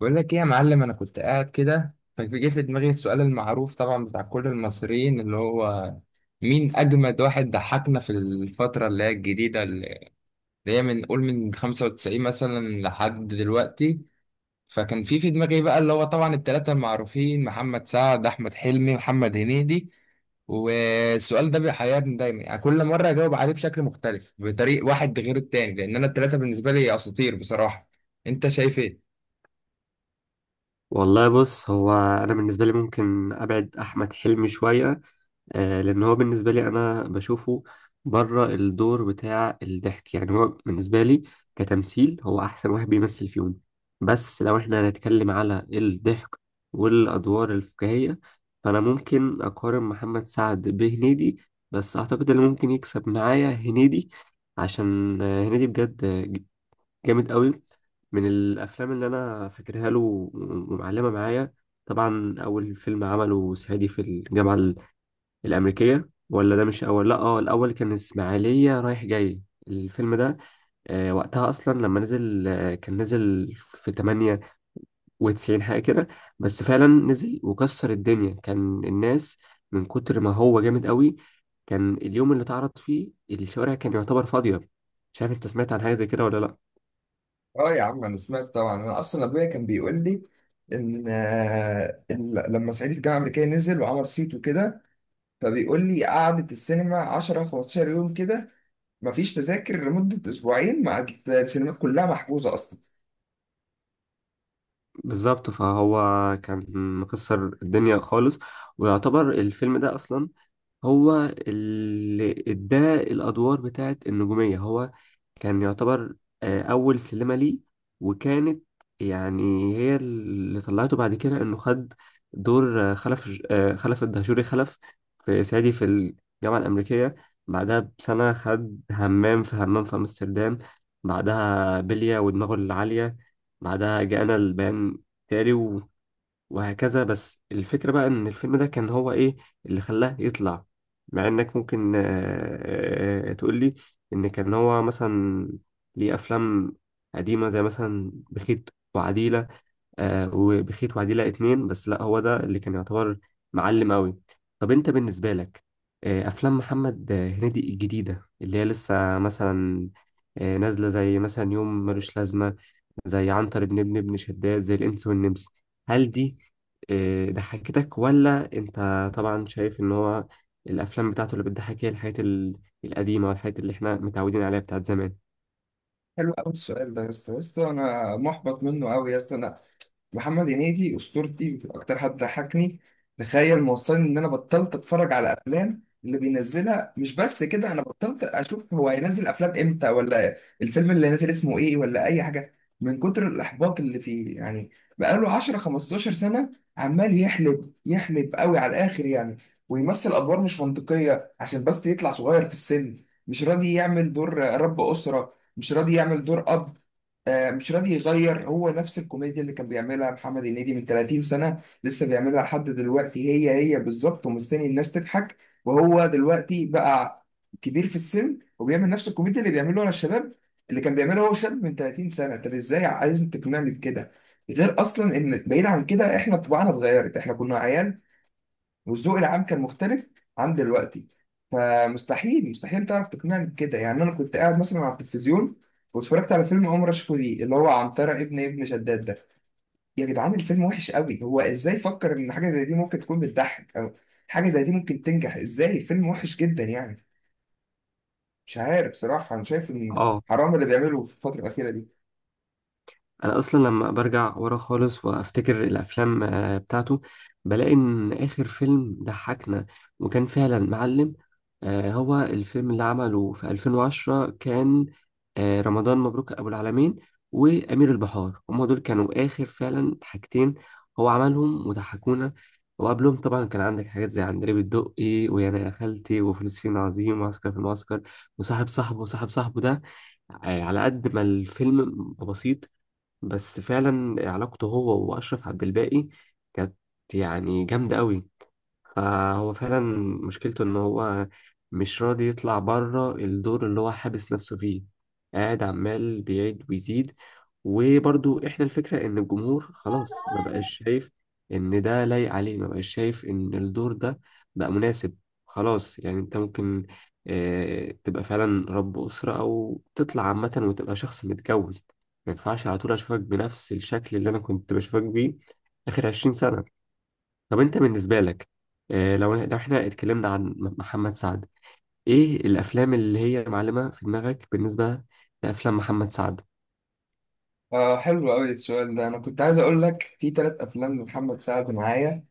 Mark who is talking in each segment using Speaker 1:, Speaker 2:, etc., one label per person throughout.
Speaker 1: بقول لك ايه يا معلم، انا كنت قاعد كده فجه في دماغي السؤال المعروف طبعا بتاع كل المصريين، اللي هو مين اجمد واحد ضحكنا في الفتره اللي هي الجديده، اللي هي من قول من 95 مثلا لحد دلوقتي. فكان في دماغي بقى اللي هو طبعا الثلاثه المعروفين: محمد سعد، احمد حلمي، محمد هنيدي. والسؤال ده بيحيرني دايما، يعني كل مره اجاوب عليه بشكل مختلف، بطريق واحد غير التاني، لان انا الثلاثه بالنسبه لي اساطير بصراحه. انت شايف ايه؟
Speaker 2: والله بص، هو انا بالنسبه لي ممكن ابعد احمد حلمي شويه. لان هو بالنسبه لي انا بشوفه بره الدور بتاع الضحك. يعني هو بالنسبه لي كتمثيل هو احسن واحد بيمثل فيهم، بس لو احنا هنتكلم على الضحك والادوار الفكاهيه، فانا ممكن اقارن محمد سعد بهنيدي. بس اعتقد اللي ممكن يكسب معايا هنيدي، عشان هنيدي بجد جامد قوي. من الافلام اللي انا فاكرها له ومعلمه معايا، طبعا اول فيلم عمله صعيدي في الامريكيه. ولا ده مش اول، لا اه، الاول كان اسماعيليه رايح جاي، الفيلم ده. آه، وقتها اصلا لما نزل آه، كان نزل في 98 حاجه كده. بس فعلا نزل وكسر الدنيا، كان الناس من كتر ما هو جامد قوي، كان اليوم اللي اتعرض فيه الشوارع كان يعتبر فاضيه. مش عارف انت سمعت عن حاجه زي كده ولا لا.
Speaker 1: اه يا عم، انا سمعت طبعا. انا اصلا ابويا كان بيقول لي ان إن لما صعيدي في الجامعه الامريكيه نزل وعمل صيت وكده، فبيقول لي قعدت السينما 10 15 يوم كده، مفيش تذاكر لمده اسبوعين، مع السينمات كلها محجوزه اصلا.
Speaker 2: بالظبط، فهو كان مكسر الدنيا خالص، ويعتبر الفيلم ده اصلا هو اللي اداه الادوار بتاعت النجوميه. هو كان يعتبر اول سلمه ليه، وكانت يعني هي اللي طلعته بعد كده، انه خد دور خلف الدهشوري خلف في صعيدي في الجامعه الامريكيه. بعدها بسنه خد همام في همام في امستردام، بعدها بلية ودماغه العاليه، بعدها جاءنا البيان تاري، وهكذا. بس الفكرة بقى، إن الفيلم ده كان هو إيه اللي خلاه يطلع، مع إنك ممكن تقول لي إن كان هو مثلا ليه أفلام قديمة زي مثلا بخيت وعديلة، وبخيت وعديلة اتنين، بس لأ، هو ده اللي كان يعتبر معلم أوي. طب أنت بالنسبة لك، أفلام محمد هنيدي الجديدة اللي هي لسه مثلا نازلة، زي مثلا يوم ملوش لازمة، زي عنتر بن ابن ابن شداد، زي الإنس والنمس، هل دي ضحكتك، ولا أنت طبعا شايف إن هو الأفلام بتاعته اللي بتضحك هي القديمة والحاجات اللي إحنا متعودين عليها بتاعت زمان؟
Speaker 1: حلو قوي السؤال ده يا اسطى، يا اسطى انا محبط منه قوي يا اسطى. انا محمد هنيدي اسطورتي، اكتر حد ضحكني. تخيل موصلني ان انا بطلت اتفرج على افلام اللي بينزلها، مش بس كده، انا بطلت اشوف هو هينزل افلام امتى، ولا الفيلم اللي نازل اسمه ايه، ولا اي حاجه، من كتر الاحباط اللي فيه يعني. بقاله 10 15 سنه عمال يحلب يحلب قوي على الاخر يعني، ويمثل ادوار مش منطقيه عشان بس يطلع صغير في السن. مش راضي يعمل دور رب اسره، مش راضي يعمل دور اب، مش راضي يغير. هو نفس الكوميديا اللي كان بيعملها محمد هنيدي من 30 سنة لسه بيعملها لحد دلوقتي، هي هي بالظبط، ومستني الناس تضحك. وهو دلوقتي بقى كبير في السن وبيعمل نفس الكوميديا اللي بيعمله على الشباب، اللي كان بيعملها هو شاب من 30 سنة. طب ازاي عايز تقنعني بكده؟ غير اصلا ان بعيد عن كده احنا طباعنا اتغيرت، احنا كنا عيال، والذوق العام كان مختلف عن دلوقتي. فمستحيل مستحيل تعرف تقنعني بكده يعني. انا كنت قاعد مثلا على التلفزيون واتفرجت على فيلم عمر رشفو دي، اللي هو عنترة ابن شداد ده. يا جدعان الفيلم وحش قوي، هو ازاي فكر ان حاجه زي دي ممكن تكون بتضحك، او حاجه زي دي ممكن تنجح؟ ازاي؟ الفيلم وحش جدا يعني. مش عارف بصراحه، انا شايف ان
Speaker 2: اه،
Speaker 1: حرام اللي بيعمله في الفتره الاخيره دي.
Speaker 2: انا اصلا لما برجع ورا خالص وافتكر الافلام بتاعته، بلاقي ان اخر فيلم ضحكنا وكان فعلا معلم هو الفيلم اللي عمله في 2010، كان رمضان مبروك ابو العالمين وامير البحار. هما دول كانوا اخر فعلا حاجتين هو عملهم وضحكونا. وقبلهم طبعا كان عندك حاجات زي عندليب الدقي ويانا يا خالتي وفلسطين عظيم وعسكر في المعسكر وصاحب صاحبه. وصاحب صاحبه ده، على قد ما الفيلم بسيط، بس فعلا علاقته هو واشرف عبد الباقي كانت يعني جامده قوي. فهو فعلا مشكلته ان هو مش راضي يطلع بره الدور اللي هو حابس نفسه فيه، قاعد عمال بيعيد ويزيد. وبرضو احنا الفكرة ان الجمهور خلاص ما بقاش شايف ان ده لايق عليه، ما بقاش شايف ان الدور ده بقى مناسب. خلاص يعني، انت ممكن تبقى فعلا رب أسرة او تطلع عامة وتبقى شخص متجوز، ما ينفعش على طول اشوفك بنفس الشكل اللي انا كنت بشوفك بيه اخر 20 سنة. طب انت بالنسبة لك، لو احنا اتكلمنا عن محمد سعد، ايه الافلام اللي هي معلمة في دماغك بالنسبة لافلام محمد سعد؟
Speaker 1: آه، حلو قوي السؤال ده. انا كنت عايز اقول لك في ثلاث افلام لمحمد سعد معايا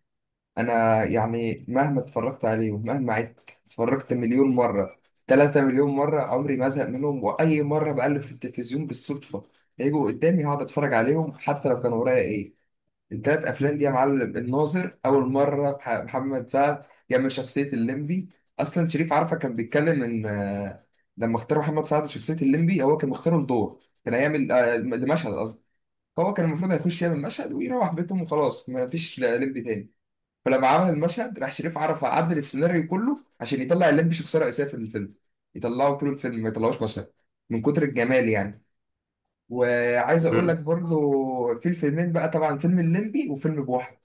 Speaker 1: انا، يعني مهما اتفرجت عليهم مهما عدت اتفرجت مليون مره، 3 مليون مره، عمري ما ازهق منهم. واي مره بقلب في التلفزيون بالصدفه يجوا قدامي هقعد اتفرج عليهم، حتى لو كان ورايا ايه. التلات افلام دي يا معلم: الناظر، اول مره محمد سعد يعمل شخصيه الليمبي. اصلا شريف عرفة كان بيتكلم ان لما اختار محمد سعد شخصيه الليمبي، هو كان مختاره لدور كان هيعمل لمشهد، قصدي هو كان المفروض هيخش يعمل مشهد ويروح بيتهم وخلاص، ما فيش ليمبي تاني. فلما عمل المشهد راح شريف عرف عدل السيناريو كله عشان يطلع الليمبي شخصية رئيسية في الفيلم، يطلعه طول الفيلم ما يطلعوش مشهد، من كتر الجمال يعني. وعايز اقول لك
Speaker 2: مم.
Speaker 1: برضو في الفيلمين بقى، طبعا فيلم الليمبي وفيلم بوحة،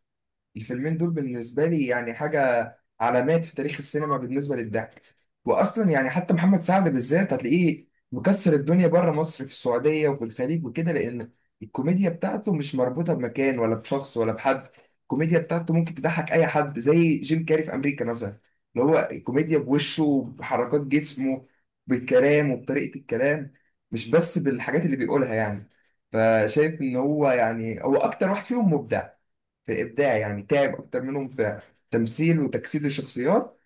Speaker 1: الفيلمين دول بالنسبة لي يعني حاجة، علامات في تاريخ السينما بالنسبة للضحك. وأصلا يعني حتى محمد سعد بالذات هتلاقيه مكسر الدنيا بره مصر في السعودية وفي الخليج وكده، لأن الكوميديا بتاعته مش مربوطة بمكان ولا بشخص ولا بحد. الكوميديا بتاعته ممكن تضحك أي حد، زي جيم كاري في أمريكا مثلا، اللي هو الكوميديا بوشه بحركات جسمه بالكلام وبطريقة الكلام، مش بس بالحاجات اللي بيقولها يعني. فشايف إن هو يعني هو أكتر واحد فيهم مبدع، في الابداع يعني تعب اكتر منهم في تمثيل وتجسيد الشخصيات.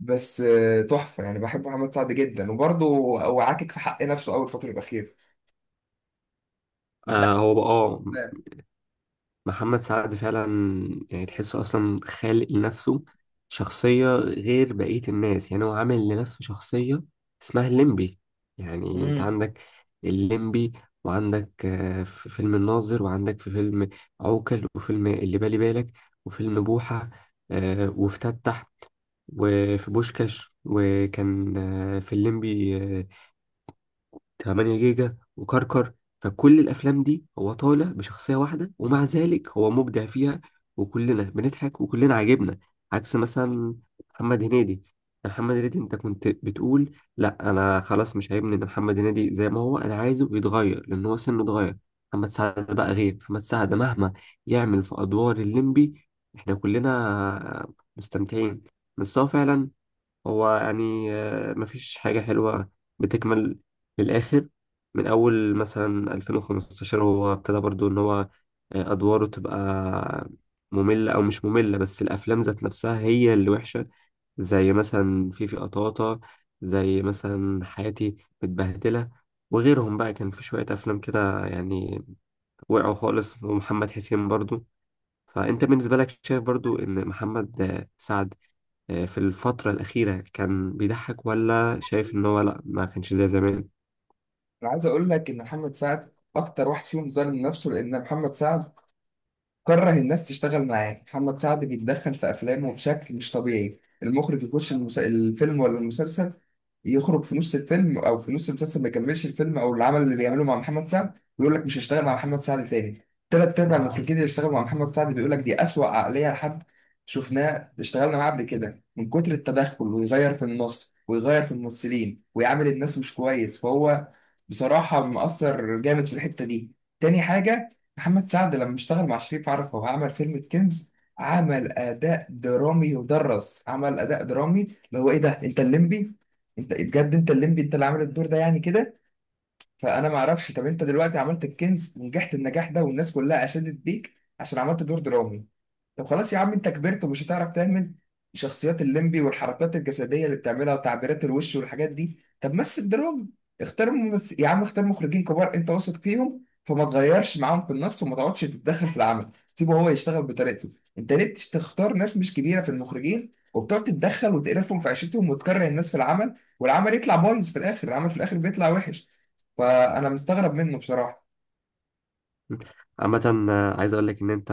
Speaker 1: بس تحفه يعني، بحب محمد سعد جدا. وبرضه هو عاكك في حق نفسه اول الفتره الاخيره. انت.
Speaker 2: آه، هو بقى اه، محمد سعد فعلا يعني تحسه اصلا خالق لنفسه شخصية غير بقية الناس. يعني هو عامل لنفسه شخصية اسمها الليمبي. يعني انت
Speaker 1: امم
Speaker 2: عندك الليمبي، وعندك في فيلم الناظر، وعندك في فيلم عوكل، وفيلم اللي بالي بالك، وفيلم بوحة وافتتح، وفي بوشكاش، وكان في الليمبي 8 جيجا وكركر. فكل الافلام دي هو طالع بشخصيه واحده، ومع ذلك هو مبدع فيها، وكلنا بنضحك وكلنا عاجبنا. عكس مثلا محمد هنيدي. محمد هنيدي انت كنت بتقول، لا انا خلاص مش عاجبني ان محمد هنيدي زي ما هو، انا عايزه يتغير لان هو سنه اتغير. محمد سعد بقى غير، محمد سعد مهما يعمل في ادوار الليمبي احنا كلنا مستمتعين. بس هو فعلا هو يعني مفيش حاجة حلوة بتكمل للآخر. من أول مثلا 2015 هو ابتدى برضو إن هو أدواره تبقى مملة أو مش مملة، بس الأفلام ذات نفسها هي اللي وحشة، زي مثلا فيفي قطاطا، زي مثلا حياتي متبهدلة، وغيرهم بقى. كان في شوية أفلام كده يعني وقعوا خالص، ومحمد حسين برضو. فأنت بالنسبة لك شايف برضو إن محمد سعد في الفترة الأخيرة كان بيضحك، ولا شايف إن هو لأ ما كانش زي زمان؟
Speaker 1: انا عايز اقول لك ان محمد سعد اكتر واحد فيهم ظالم نفسه، لان محمد سعد كره الناس تشتغل معاه. محمد سعد بيتدخل في افلامه بشكل مش طبيعي، المخرج يخش الفيلم ولا المسلسل، يخرج في نص الفيلم او في نص المسلسل ما يكملش الفيلم او العمل اللي بيعمله مع محمد سعد، ويقول لك مش هشتغل مع محمد سعد تاني. تلات ارباع المخرجين اللي اشتغلوا مع محمد سعد بيقول لك دي اسوأ عقليه لحد شفناه اشتغلنا معاه قبل كده، من كتر التدخل ويغير في النص ويغير في الممثلين ويعامل الناس مش كويس. فهو بصراحه مؤثر جامد في الحته دي. تاني حاجه: محمد سعد لما اشتغل مع شريف عرفة وعمل فيلم الكنز، عمل اداء درامي يدرس، عمل اداء درامي اللي هو ايه ده، انت الليمبي! انت بجد انت الليمبي انت اللي عامل الدور ده يعني كده. فانا ما اعرفش، طب انت دلوقتي عملت الكنز ونجحت النجاح ده والناس كلها اشادت بيك عشان عملت دور درامي، طب خلاص يا عم انت كبرت ومش هتعرف تعمل شخصيات الليمبي والحركات الجسديه اللي بتعملها وتعبيرات الوش والحاجات دي، طب مثل دراما. اختار يا عم اختار مخرجين كبار انت واثق فيهم، فما تغيرش معاهم في النص وما تقعدش تتدخل في العمل، سيبه هو يشتغل بطريقته. انت ليه تختار ناس مش كبيره في المخرجين وبتقعد تتدخل وتقرفهم في عيشتهم وتكره الناس في العمل، والعمل يطلع بايظ في الاخر، العمل في الاخر بيطلع وحش. فانا مستغرب منه بصراحه.
Speaker 2: عامة عايز أقول لك إن أنت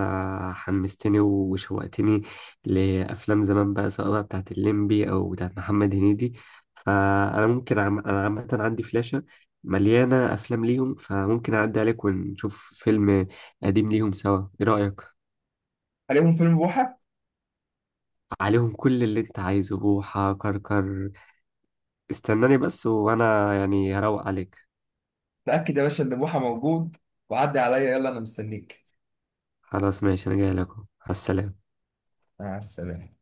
Speaker 2: حمستني وشوقتني لأفلام زمان بقى، سواء بقى بتاعت الليمبي أو بتاعت محمد هنيدي. فأنا ممكن أنا عامة عندي فلاشة مليانة أفلام ليهم، فممكن أعدي عليك ونشوف فيلم قديم ليهم سوا. إيه رأيك؟
Speaker 1: عليهم فيلم بوحه.
Speaker 2: عليهم كل اللي أنت عايزه، بوحة كركر. استناني بس، وأنا يعني هروق عليك.
Speaker 1: تاكد يا باشا ان بوحه موجود وعدي عليا، يلا انا مستنيك.
Speaker 2: خلاص ماشي، انا جاي لكم على السلامة.
Speaker 1: مع السلامة.